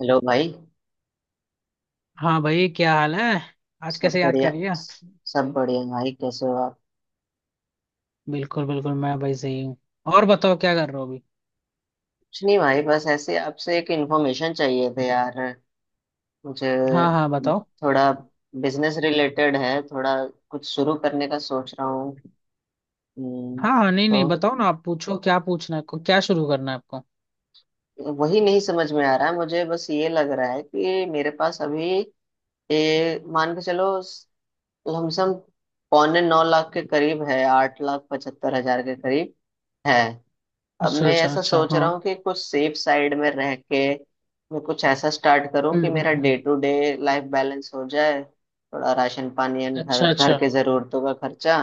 Hello भाई। हाँ भाई, क्या हाल है। आज कैसे याद कर लिया। सब बढ़िया भाई, कैसे हो आप? बिल्कुल बिल्कुल मैं भाई सही हूँ। और बताओ, क्या कर रहे हो अभी। कुछ नहीं भाई, बस ऐसे आपसे एक इन्फॉर्मेशन चाहिए थे यार मुझे। हाँ हाँ, बताओ। थोड़ा बिजनेस रिलेटेड है, थोड़ा कुछ शुरू करने का सोच रहा हूँ। हम्म, हाँ हाँ, नहीं नहीं, तो बताओ ना। आप पूछो, क्या पूछना है आपको, क्या शुरू करना है आपको। वही नहीं समझ में आ रहा है मुझे, बस ये लग रहा है कि मेरे पास अभी ये मान के चलो लमसम 8.75 लाख के करीब है, 8,75,000 के करीब है। अब अच्छा मैं अच्छा ऐसा अच्छा, सोच हाँ। रहा हूँ कि कुछ सेफ साइड में रह के मैं कुछ ऐसा स्टार्ट करूँ हम्म, कि मेरा हम्म, हम्म। Day to day life balance हो जाए, थोड़ा राशन पानी एंड घर अच्छा घर अच्छा। के जरूरतों का खर्चा।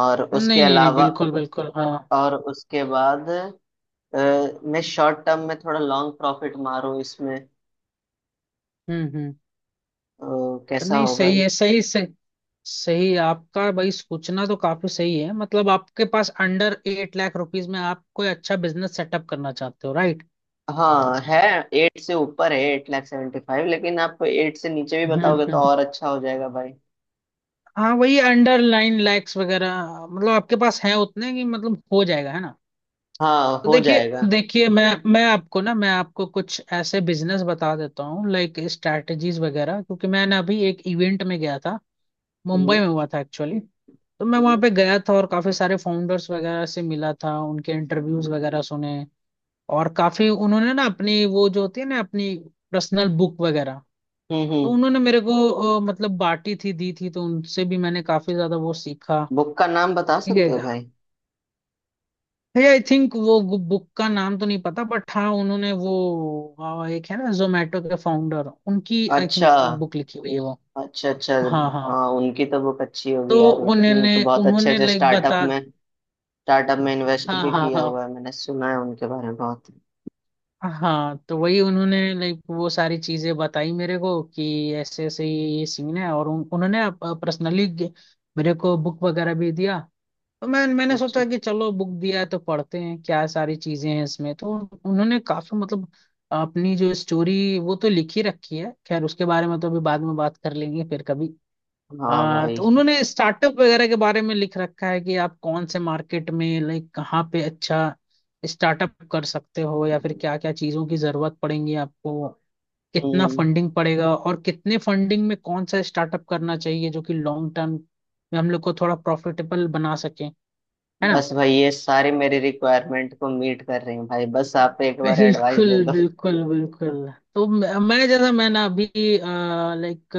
और उसके नहीं नहीं नहीं, अलावा, बिल्कुल बिल्कुल, हाँ। और उसके बाद मैं शॉर्ट टर्म में थोड़ा लॉन्ग प्रॉफिट मारूँ इसमें, हम्म, हम्म। तो तो कैसा नहीं, होगा सही ये? है, सही सही। सही आपका भाई सोचना तो काफी सही है। मतलब आपके पास अंडर एट लाख रुपीज में आप कोई अच्छा बिजनेस सेटअप करना चाहते हो, राइट। हाँ है, एट से ऊपर है, एट लाख सेवेंटी फाइव, लेकिन आप एट से नीचे भी हम्म, बताओगे तो हम्म। और अच्छा हो जाएगा भाई। हाँ वही, अंडरलाइन लाइक्स वगैरह। मतलब आपके पास है उतने कि मतलब हो जाएगा, है ना। हाँ तो हो देखिए, जाएगा। देखिए। मैं आपको ना, मैं आपको कुछ ऐसे बिजनेस बता देता हूँ, लाइक स्ट्रैटेजीज वगैरह, क्योंकि मैं ना अभी एक इवेंट में गया था। मुंबई हम्म, में हुआ था, एक्चुअली। तो मैं वहाँ हम्म, पे गया था, और काफी सारे फाउंडर्स वगैरह से मिला था, उनके इंटरव्यूज वगैरह सुने। और काफी उन्होंने ना अपनी, वो जो होती है ना, अपनी पर्सनल बुक वगैरह। हम्म, तो उन्होंने मेरे को मतलब बांटी थी, दी थी। तो उनसे भी मैंने काफी ज्यादा वो सीखा। बुक का नाम बता ठीक है। सकते हो भाई? भैया आई थिंक वो, बुक का नाम तो नहीं पता, बट हाँ उन्होंने वो एक है ना जोमेटो के फाउंडर, उनकी आई अच्छा थिंक बुक लिखी हुई है वो। अच्छा अच्छा, हाँ हाँ। हाँ उनकी तो बुक अच्छी होगी तो यार, उन्होंने उन्होंने तो बहुत अच्छे उन्होंने अच्छे लाइक बता। स्टार्टअप में इन्वेस्ट हाँ भी हाँ किया हाँ। हुआ है, मैंने सुना है उनके बारे में बहुत। हाँ तो वही उन्होंने लाइक वो सारी चीजें बताई मेरे को कि ऐसे ऐसे ये सीन है। और उन्होंने पर्सनली मेरे को बुक वगैरह भी दिया। तो मैंने अच्छा। सोचा कि चलो बुक दिया है तो पढ़ते हैं क्या सारी चीजें हैं इसमें। तो उन्होंने काफी, मतलब अपनी जो स्टोरी वो तो लिखी रखी है। खैर उसके बारे में तो अभी बाद में बात कर लेंगे, फिर कभी। हाँ भाई। तो उन्होंने स्टार्टअप वगैरह के बारे में लिख रखा है कि आप कौन से मार्केट में लाइक कहाँ पे अच्छा स्टार्टअप कर सकते हो, या फिर क्या क्या चीजों की जरूरत पड़ेगी आपको। कितना हम्म। फंडिंग पड़ेगा और कितने फंडिंग में कौन सा स्टार्टअप करना चाहिए जो कि लॉन्ग टर्म में हम लोग को थोड़ा प्रॉफिटेबल बना सके, है ना। बस भाई ये सारी मेरी रिक्वायरमेंट को मीट कर रही हूँ भाई, बस आप एक बार एडवाइस बिल्कुल दे दो। बिल्कुल बिल्कुल। तो मैं जैसा, मैं ना अभी लाइक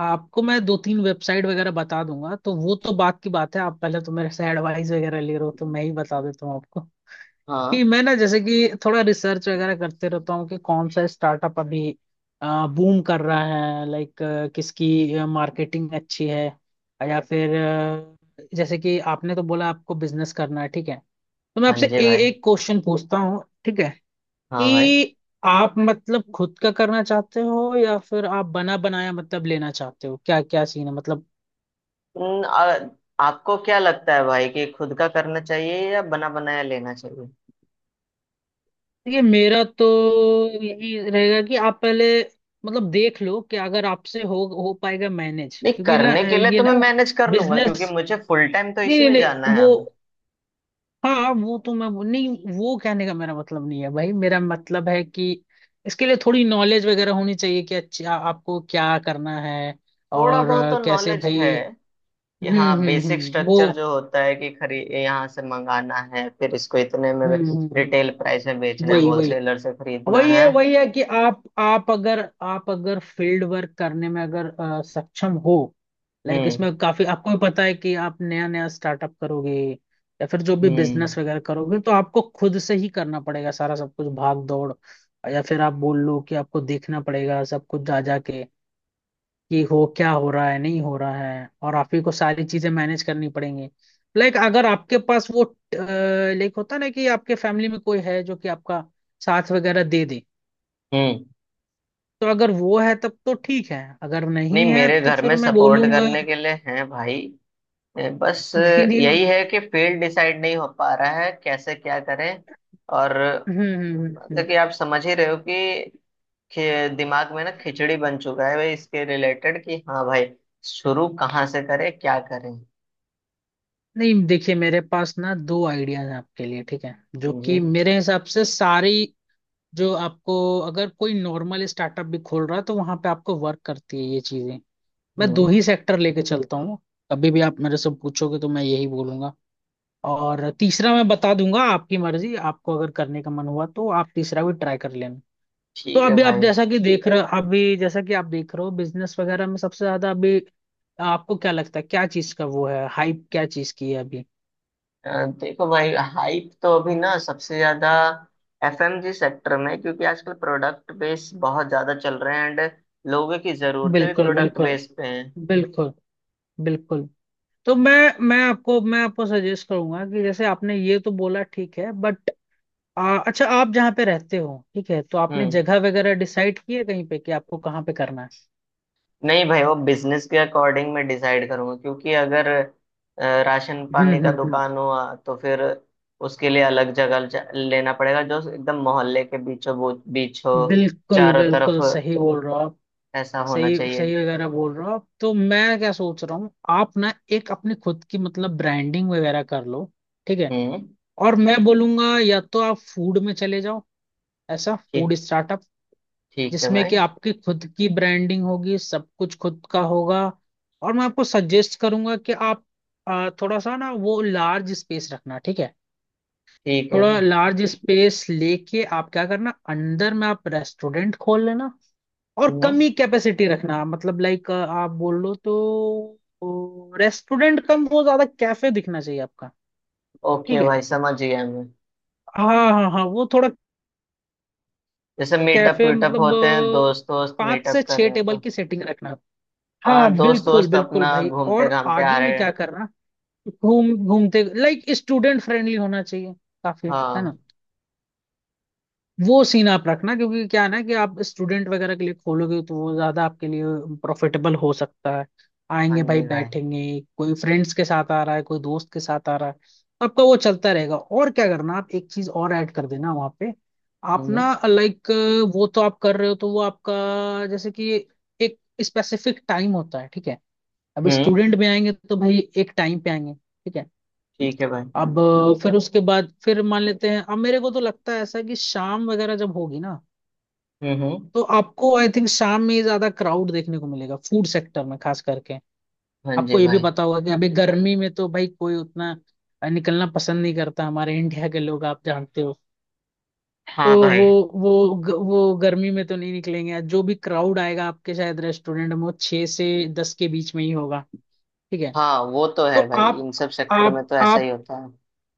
आपको मैं दो तीन वेबसाइट वगैरह बता दूंगा, तो वो तो बात की बात है। आप पहले तो मेरे से एडवाइस वगैरह ले रहे हो, तो मैं ही बता देता हूँ आपको। कि हाँ। मैं ना जैसे कि थोड़ा रिसर्च वगैरह करते रहता हूँ, कि कौन सा स्टार्टअप अभी बूम कर रहा है, लाइक किसकी मार्केटिंग अच्छी है। या फिर जैसे कि आपने तो बोला आपको बिजनेस करना है, ठीक है। तो मैं आपसे संजय भाई। एक क्वेश्चन पूछता हूँ, ठीक है। हाँ भाई। कि आप मतलब खुद का करना चाहते हो, या फिर आप बना बनाया मतलब लेना चाहते हो, क्या क्या सीन है मतलब। हम्म, आ, आपको क्या लगता है भाई कि खुद का करना चाहिए या बना बनाया लेना चाहिए? ये मेरा तो यही रहेगा कि आप पहले मतलब देख लो कि अगर आपसे हो पाएगा मैनेज, नहीं, क्योंकि ना, करने के लिए ये तो ना, मैं मैनेज कर लूंगा क्योंकि बिजनेस। मुझे फुल टाइम तो नहीं इसी नहीं में जाना नहीं, है वो, अब। हाँ वो तो मैं नहीं, वो कहने का मेरा मतलब नहीं है भाई। मेरा मतलब है कि इसके लिए थोड़ी नॉलेज वगैरह होनी चाहिए कि अच्छा, आपको क्या करना है। थोड़ा और बहुत तो कैसे नॉलेज भाई। है कि हम्म, हाँ, हम्म, बेसिक हम्म, वो, स्ट्रक्चर जो होता है कि खरी यहाँ से मंगाना है, फिर इसको इतने में हम्म, रिटेल हम्म। प्राइस में बेचना है, वही वही, होलसेलर से खरीदना वही है, है। वही है कि आप अगर आप अगर फील्ड वर्क करने में अगर सक्षम हो। लाइक हम्म, इसमें काफी आपको भी पता है कि आप नया नया स्टार्टअप करोगे, या फिर जो भी हम्म, बिजनेस वगैरह करोगे, तो आपको खुद से ही करना पड़ेगा, सारा सब कुछ, भाग दौड़। या फिर आप बोल लो कि आपको देखना पड़ेगा सब कुछ जा जा के, कि हो क्या, हो रहा है नहीं हो रहा है, और आप ही को सारी चीजें मैनेज करनी पड़ेंगी। लाइक अगर आपके पास वो, लाइक होता है ना कि आपके फैमिली में कोई है जो कि आपका साथ वगैरह दे दे, हम्म। तो अगर वो है तब तो ठीक है, अगर नहीं, नहीं है मेरे तो घर में फिर मैं सपोर्ट बोलूंगा। करने के लिए हैं भाई। बस नहीं नहीं, हम्म, यही है कि फील्ड डिसाइड नहीं हो पा रहा है, कैसे क्या करें। और हम्म, हम्म, मतलब हम्म। कि आप समझ ही रहे हो कि दिमाग में ना खिचड़ी बन चुका है भाई इसके रिलेटेड कि हाँ भाई, शुरू कहाँ से करें क्या करें। नहीं देखिए, मेरे पास ना दो आइडियाज हैं आपके लिए, ठीक है। जो जी। कि मेरे हिसाब से सारी, जो आपको, अगर कोई नॉर्मल स्टार्टअप भी खोल रहा है तो वहां पे आपको वर्क करती है ये चीजें। मैं दो हम्म। ही सेक्टर लेके चलता हूँ। कभी भी आप मेरे से पूछोगे तो मैं यही बोलूंगा। और तीसरा मैं बता दूंगा, आपकी मर्जी, आपको अगर करने का मन हुआ तो आप तीसरा भी ट्राई कर लेना। तो ठीक है अभी आप भाई। जैसा कि देख रहे, अभी जैसा कि आप देख रहे हो, बिजनेस वगैरह में सबसे ज्यादा अभी आपको क्या लगता है क्या चीज का वो है हाइप, क्या चीज की है अभी। देखो भाई, हाइप तो अभी ना सबसे ज्यादा एफएमजी सेक्टर में, क्योंकि आजकल प्रोडक्ट बेस बहुत ज्यादा चल रहे हैं एंड लोगों की जरूरतें भी बिल्कुल प्रोडक्ट बिल्कुल, बेस पे हैं। बिल्कुल बिल्कुल। तो मैं आपको सजेस्ट करूंगा कि जैसे आपने ये तो बोला, ठीक है, बट अच्छा, आप जहाँ पे रहते हो, ठीक है, तो आपने हम्म। जगह वगैरह डिसाइड की है कहीं पे कि आपको कहाँ पे करना है। नहीं भाई, वो बिजनेस के अकॉर्डिंग मैं डिसाइड करूंगा, क्योंकि अगर राशन पानी हम्म, का हम्म, दुकान हुआ तो फिर उसके लिए अलग जगह लेना पड़ेगा जो एकदम मोहल्ले के बीचों बीच हो, बिल्कुल चारों तरफ बिल्कुल सही बोल रहे हो आप। ऐसा होना सही चाहिए। सही वगैरह बोल रहे हो आप। तो मैं क्या सोच रहा हूँ, आप ना एक अपनी खुद की मतलब ब्रांडिंग वगैरह कर लो, ठीक है। हम्म। और मैं बोलूंगा या तो आप फूड में चले जाओ, ऐसा ठीक। फूड स्टार्टअप ठीक है जिसमें कि भाई। आपकी खुद की ब्रांडिंग होगी, सब कुछ खुद का होगा। और मैं आपको सजेस्ट करूंगा कि आप थोड़ा सा ना वो लार्ज स्पेस रखना, ठीक है। ठीक है भाई। थोड़ा लार्ज स्पेस लेके आप क्या करना, अंदर में आप रेस्टोरेंट खोल लेना। और कम हम्म। ही कैपेसिटी रखना, मतलब लाइक आप बोल लो तो, रेस्टोरेंट कम वो ज्यादा कैफे दिखना चाहिए आपका, ओके ठीक है। भाई, समझ गया मैं। हाँ हाँ हाँ, वो थोड़ा जैसे मीटअप कैफे वीटअप मतलब होते हैं, दोस्त दोस्त पाँच से मीटअप कर छह रहे हैं, टेबल तो की सेटिंग रखना। हाँ हाँ दोस्त बिल्कुल दोस्त बिल्कुल अपना भाई। घूमते और घामते आ आगे में रहे क्या हैं। करना, घूम घूमते लाइक स्टूडेंट फ्रेंडली होना चाहिए काफी, है ना। हाँ। वो सीन आप रखना, क्योंकि क्या है ना कि आप स्टूडेंट वगैरह के लिए खोलोगे तो वो ज्यादा आपके लिए प्रॉफिटेबल हो सकता है। हाँ आएंगे भाई, जी भाई। बैठेंगे। कोई फ्रेंड्स के साथ आ रहा है, कोई दोस्त के साथ आ रहा है। आपका वो चलता रहेगा, और क्या करना, आप एक चीज और ऐड कर देना वहाँ पे। आप हम्म, ना लाइक, वो तो आप कर रहे हो, तो वो आपका, जैसे कि एक स्पेसिफिक टाइम होता है, ठीक है। अब हम्म। स्टूडेंट में आएंगे तो भाई एक टाइम पे आएंगे, ठीक है। ठीक है भाई। अब फिर उसके बाद, फिर मान लेते हैं अब मेरे को तो लगता है ऐसा कि शाम वगैरह जब होगी ना, हम्म, तो आपको आई थिंक शाम में ही ज्यादा क्राउड देखने को मिलेगा फूड सेक्टर में, खास करके। हाँ जी आपको ये भी भाई। पता होगा कि अभी गर्मी में तो भाई कोई उतना निकलना पसंद नहीं करता, हमारे इंडिया के लोग, आप जानते हो। तो हाँ भाई। वो वो गर्मी में तो नहीं निकलेंगे। जो भी क्राउड आएगा आपके शायद रेस्टोरेंट में वो 6 से 10 के बीच में ही होगा, ठीक है। हाँ वो तो तो है भाई, इन सब सेक्टर में आप तो ऐसा आप ही होता है।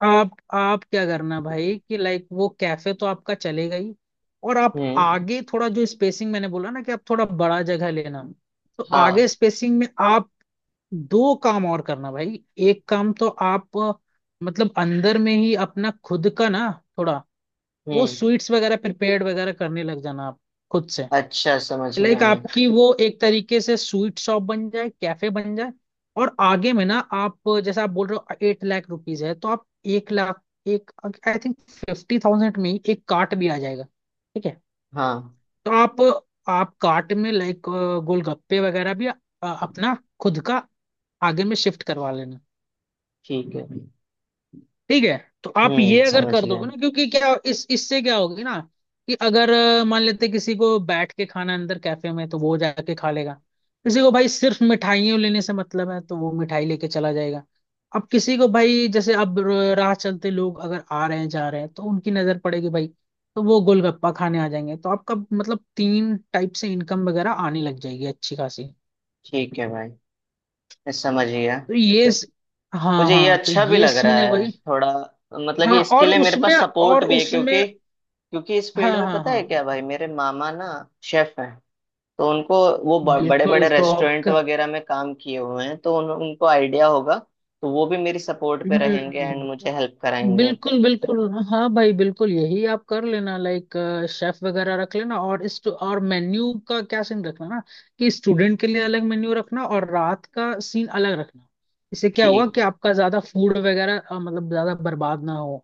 आप क्या करना भाई कि लाइक वो कैफे तो आपका चलेगा ही। और आप हम्म। आगे थोड़ा जो स्पेसिंग मैंने बोला ना, कि आप थोड़ा बड़ा जगह लेना। तो आगे हाँ। स्पेसिंग में आप दो काम और करना भाई। एक काम तो आप मतलब अंदर में ही अपना खुद का ना थोड़ा वो हम्म। स्वीट्स वगैरह प्रिपेयर्ड वगैरह करने लग जाना आप खुद से। अच्छा, समझ गया लाइक मैं। आपकी वो एक तरीके से स्वीट शॉप बन जाए, कैफे बन जाए। और आगे में ना आप, जैसे आप बोल रहे हो 8 लाख रुपीज है, तो आप एक लाख, एक, आई थिंक 50,000 में ही एक कार्ट भी आ जाएगा, ठीक है। हाँ। तो आप कार्ट में लाइक गोलगप्पे वगैरह भी अपना खुद का आगे में शिफ्ट करवा लेना, ठीक है। ठीक है। तो आप ये हम्म, अगर समझ कर गया। दोगे ना, क्योंकि क्या इस इससे क्या होगी ना, कि अगर मान लेते किसी को बैठ के खाना है अंदर कैफे में तो वो जाके खा लेगा। किसी को भाई सिर्फ मिठाइयों लेने से मतलब है तो वो मिठाई लेके चला जाएगा। अब किसी को भाई, जैसे अब राह चलते लोग अगर आ रहे हैं जा रहे हैं तो उनकी नजर पड़ेगी भाई। तो वो गोलगप्पा खाने आ जाएंगे, तो आपका मतलब तीन टाइप से इनकम वगैरह आने लग जाएगी अच्छी खासी। ठीक है भाई, मैं समझ गया। तो ये स- हाँ मुझे ये हाँ, तो अच्छा भी ये लग रहा सीन है है भाई। थोड़ा, मतलब कि हाँ इसके और लिए मेरे उसमें पास सपोर्ट और भी है, उसमें क्योंकि क्योंकि इस फील्ड हाँ में हाँ पता है हाँ, क्या भाई, मेरे मामा ना शेफ हैं, तो उनको वो बड़े बड़े बिल्कुल। तो आप रेस्टोरेंट वगैरह में काम किए हुए हैं, तो उनको आइडिया होगा, तो वो भी मेरी सपोर्ट पे रहेंगे एंड हम्म, मुझे हेल्प कराएंगे। बिल्कुल बिल्कुल। हाँ भाई बिल्कुल, यही आप कर लेना, लाइक शेफ वगैरह रख लेना। और मेन्यू का क्या सीन रखना ना, कि स्टूडेंट के लिए अलग मेन्यू रखना, और रात का सीन अलग रखना। इससे क्या होगा ठीक। कि आपका ज्यादा फूड वगैरह मतलब ज्यादा बर्बाद ना हो।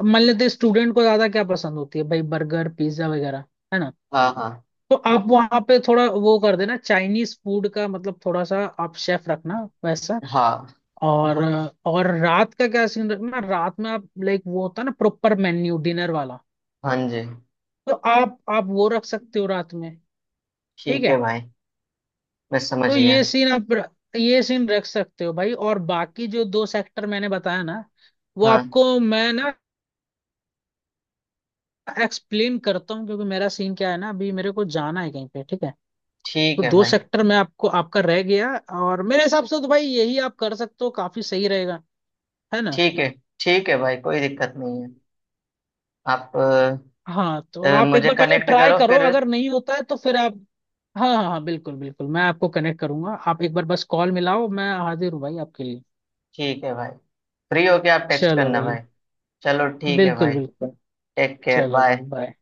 अब मान लेते स्टूडेंट को ज्यादा क्या पसंद होती है भाई, बर्गर पिज्जा वगैरह, है ना। हाँ हाँ तो आप वहां पे थोड़ा वो कर देना चाइनीज फूड का, मतलब थोड़ा सा आप शेफ रखना वैसा। हाँ। और और रात का क्या सीन रखना, रात में आप लाइक, वो होता है ना प्रॉपर मेन्यू डिनर वाला। हाँ जी। तो आप वो रख सकते हो रात में, ठीक ठीक है है। भाई, मैं समझ तो गया। ये सीन आप र- ये सीन रख सकते हो भाई। और बाकी जो दो सेक्टर मैंने बताया ना, वो हाँ। आपको मैं ना एक्सप्लेन करता हूँ, क्योंकि मेरा सीन क्या है ना, अभी मेरे को जाना है कहीं पे, ठीक है। तो ठीक है दो भाई। सेक्टर में आपको, आपका रह गया। और मेरे हिसाब से तो भाई यही आप कर सकते हो, काफी सही रहेगा, है ना। ठीक है, ठीक है भाई, कोई दिक्कत नहीं है। आप हाँ, तो आप एक मुझे बार पहले कनेक्ट ट्राई करो करो, फिर। अगर नहीं होता है तो फिर आप। हाँ हाँ हाँ, बिल्कुल बिल्कुल, मैं आपको कनेक्ट करूंगा, आप एक बार बस कॉल मिलाओ, मैं हाजिर हूँ भाई आपके लिए। ठीक है भाई, फ्री होके आप टेक्स्ट चलो करना भाई, भाई। चलो, ठीक है बिल्कुल भाई। बिल्कुल। टेक केयर, चलो भाई, बाय। बाय।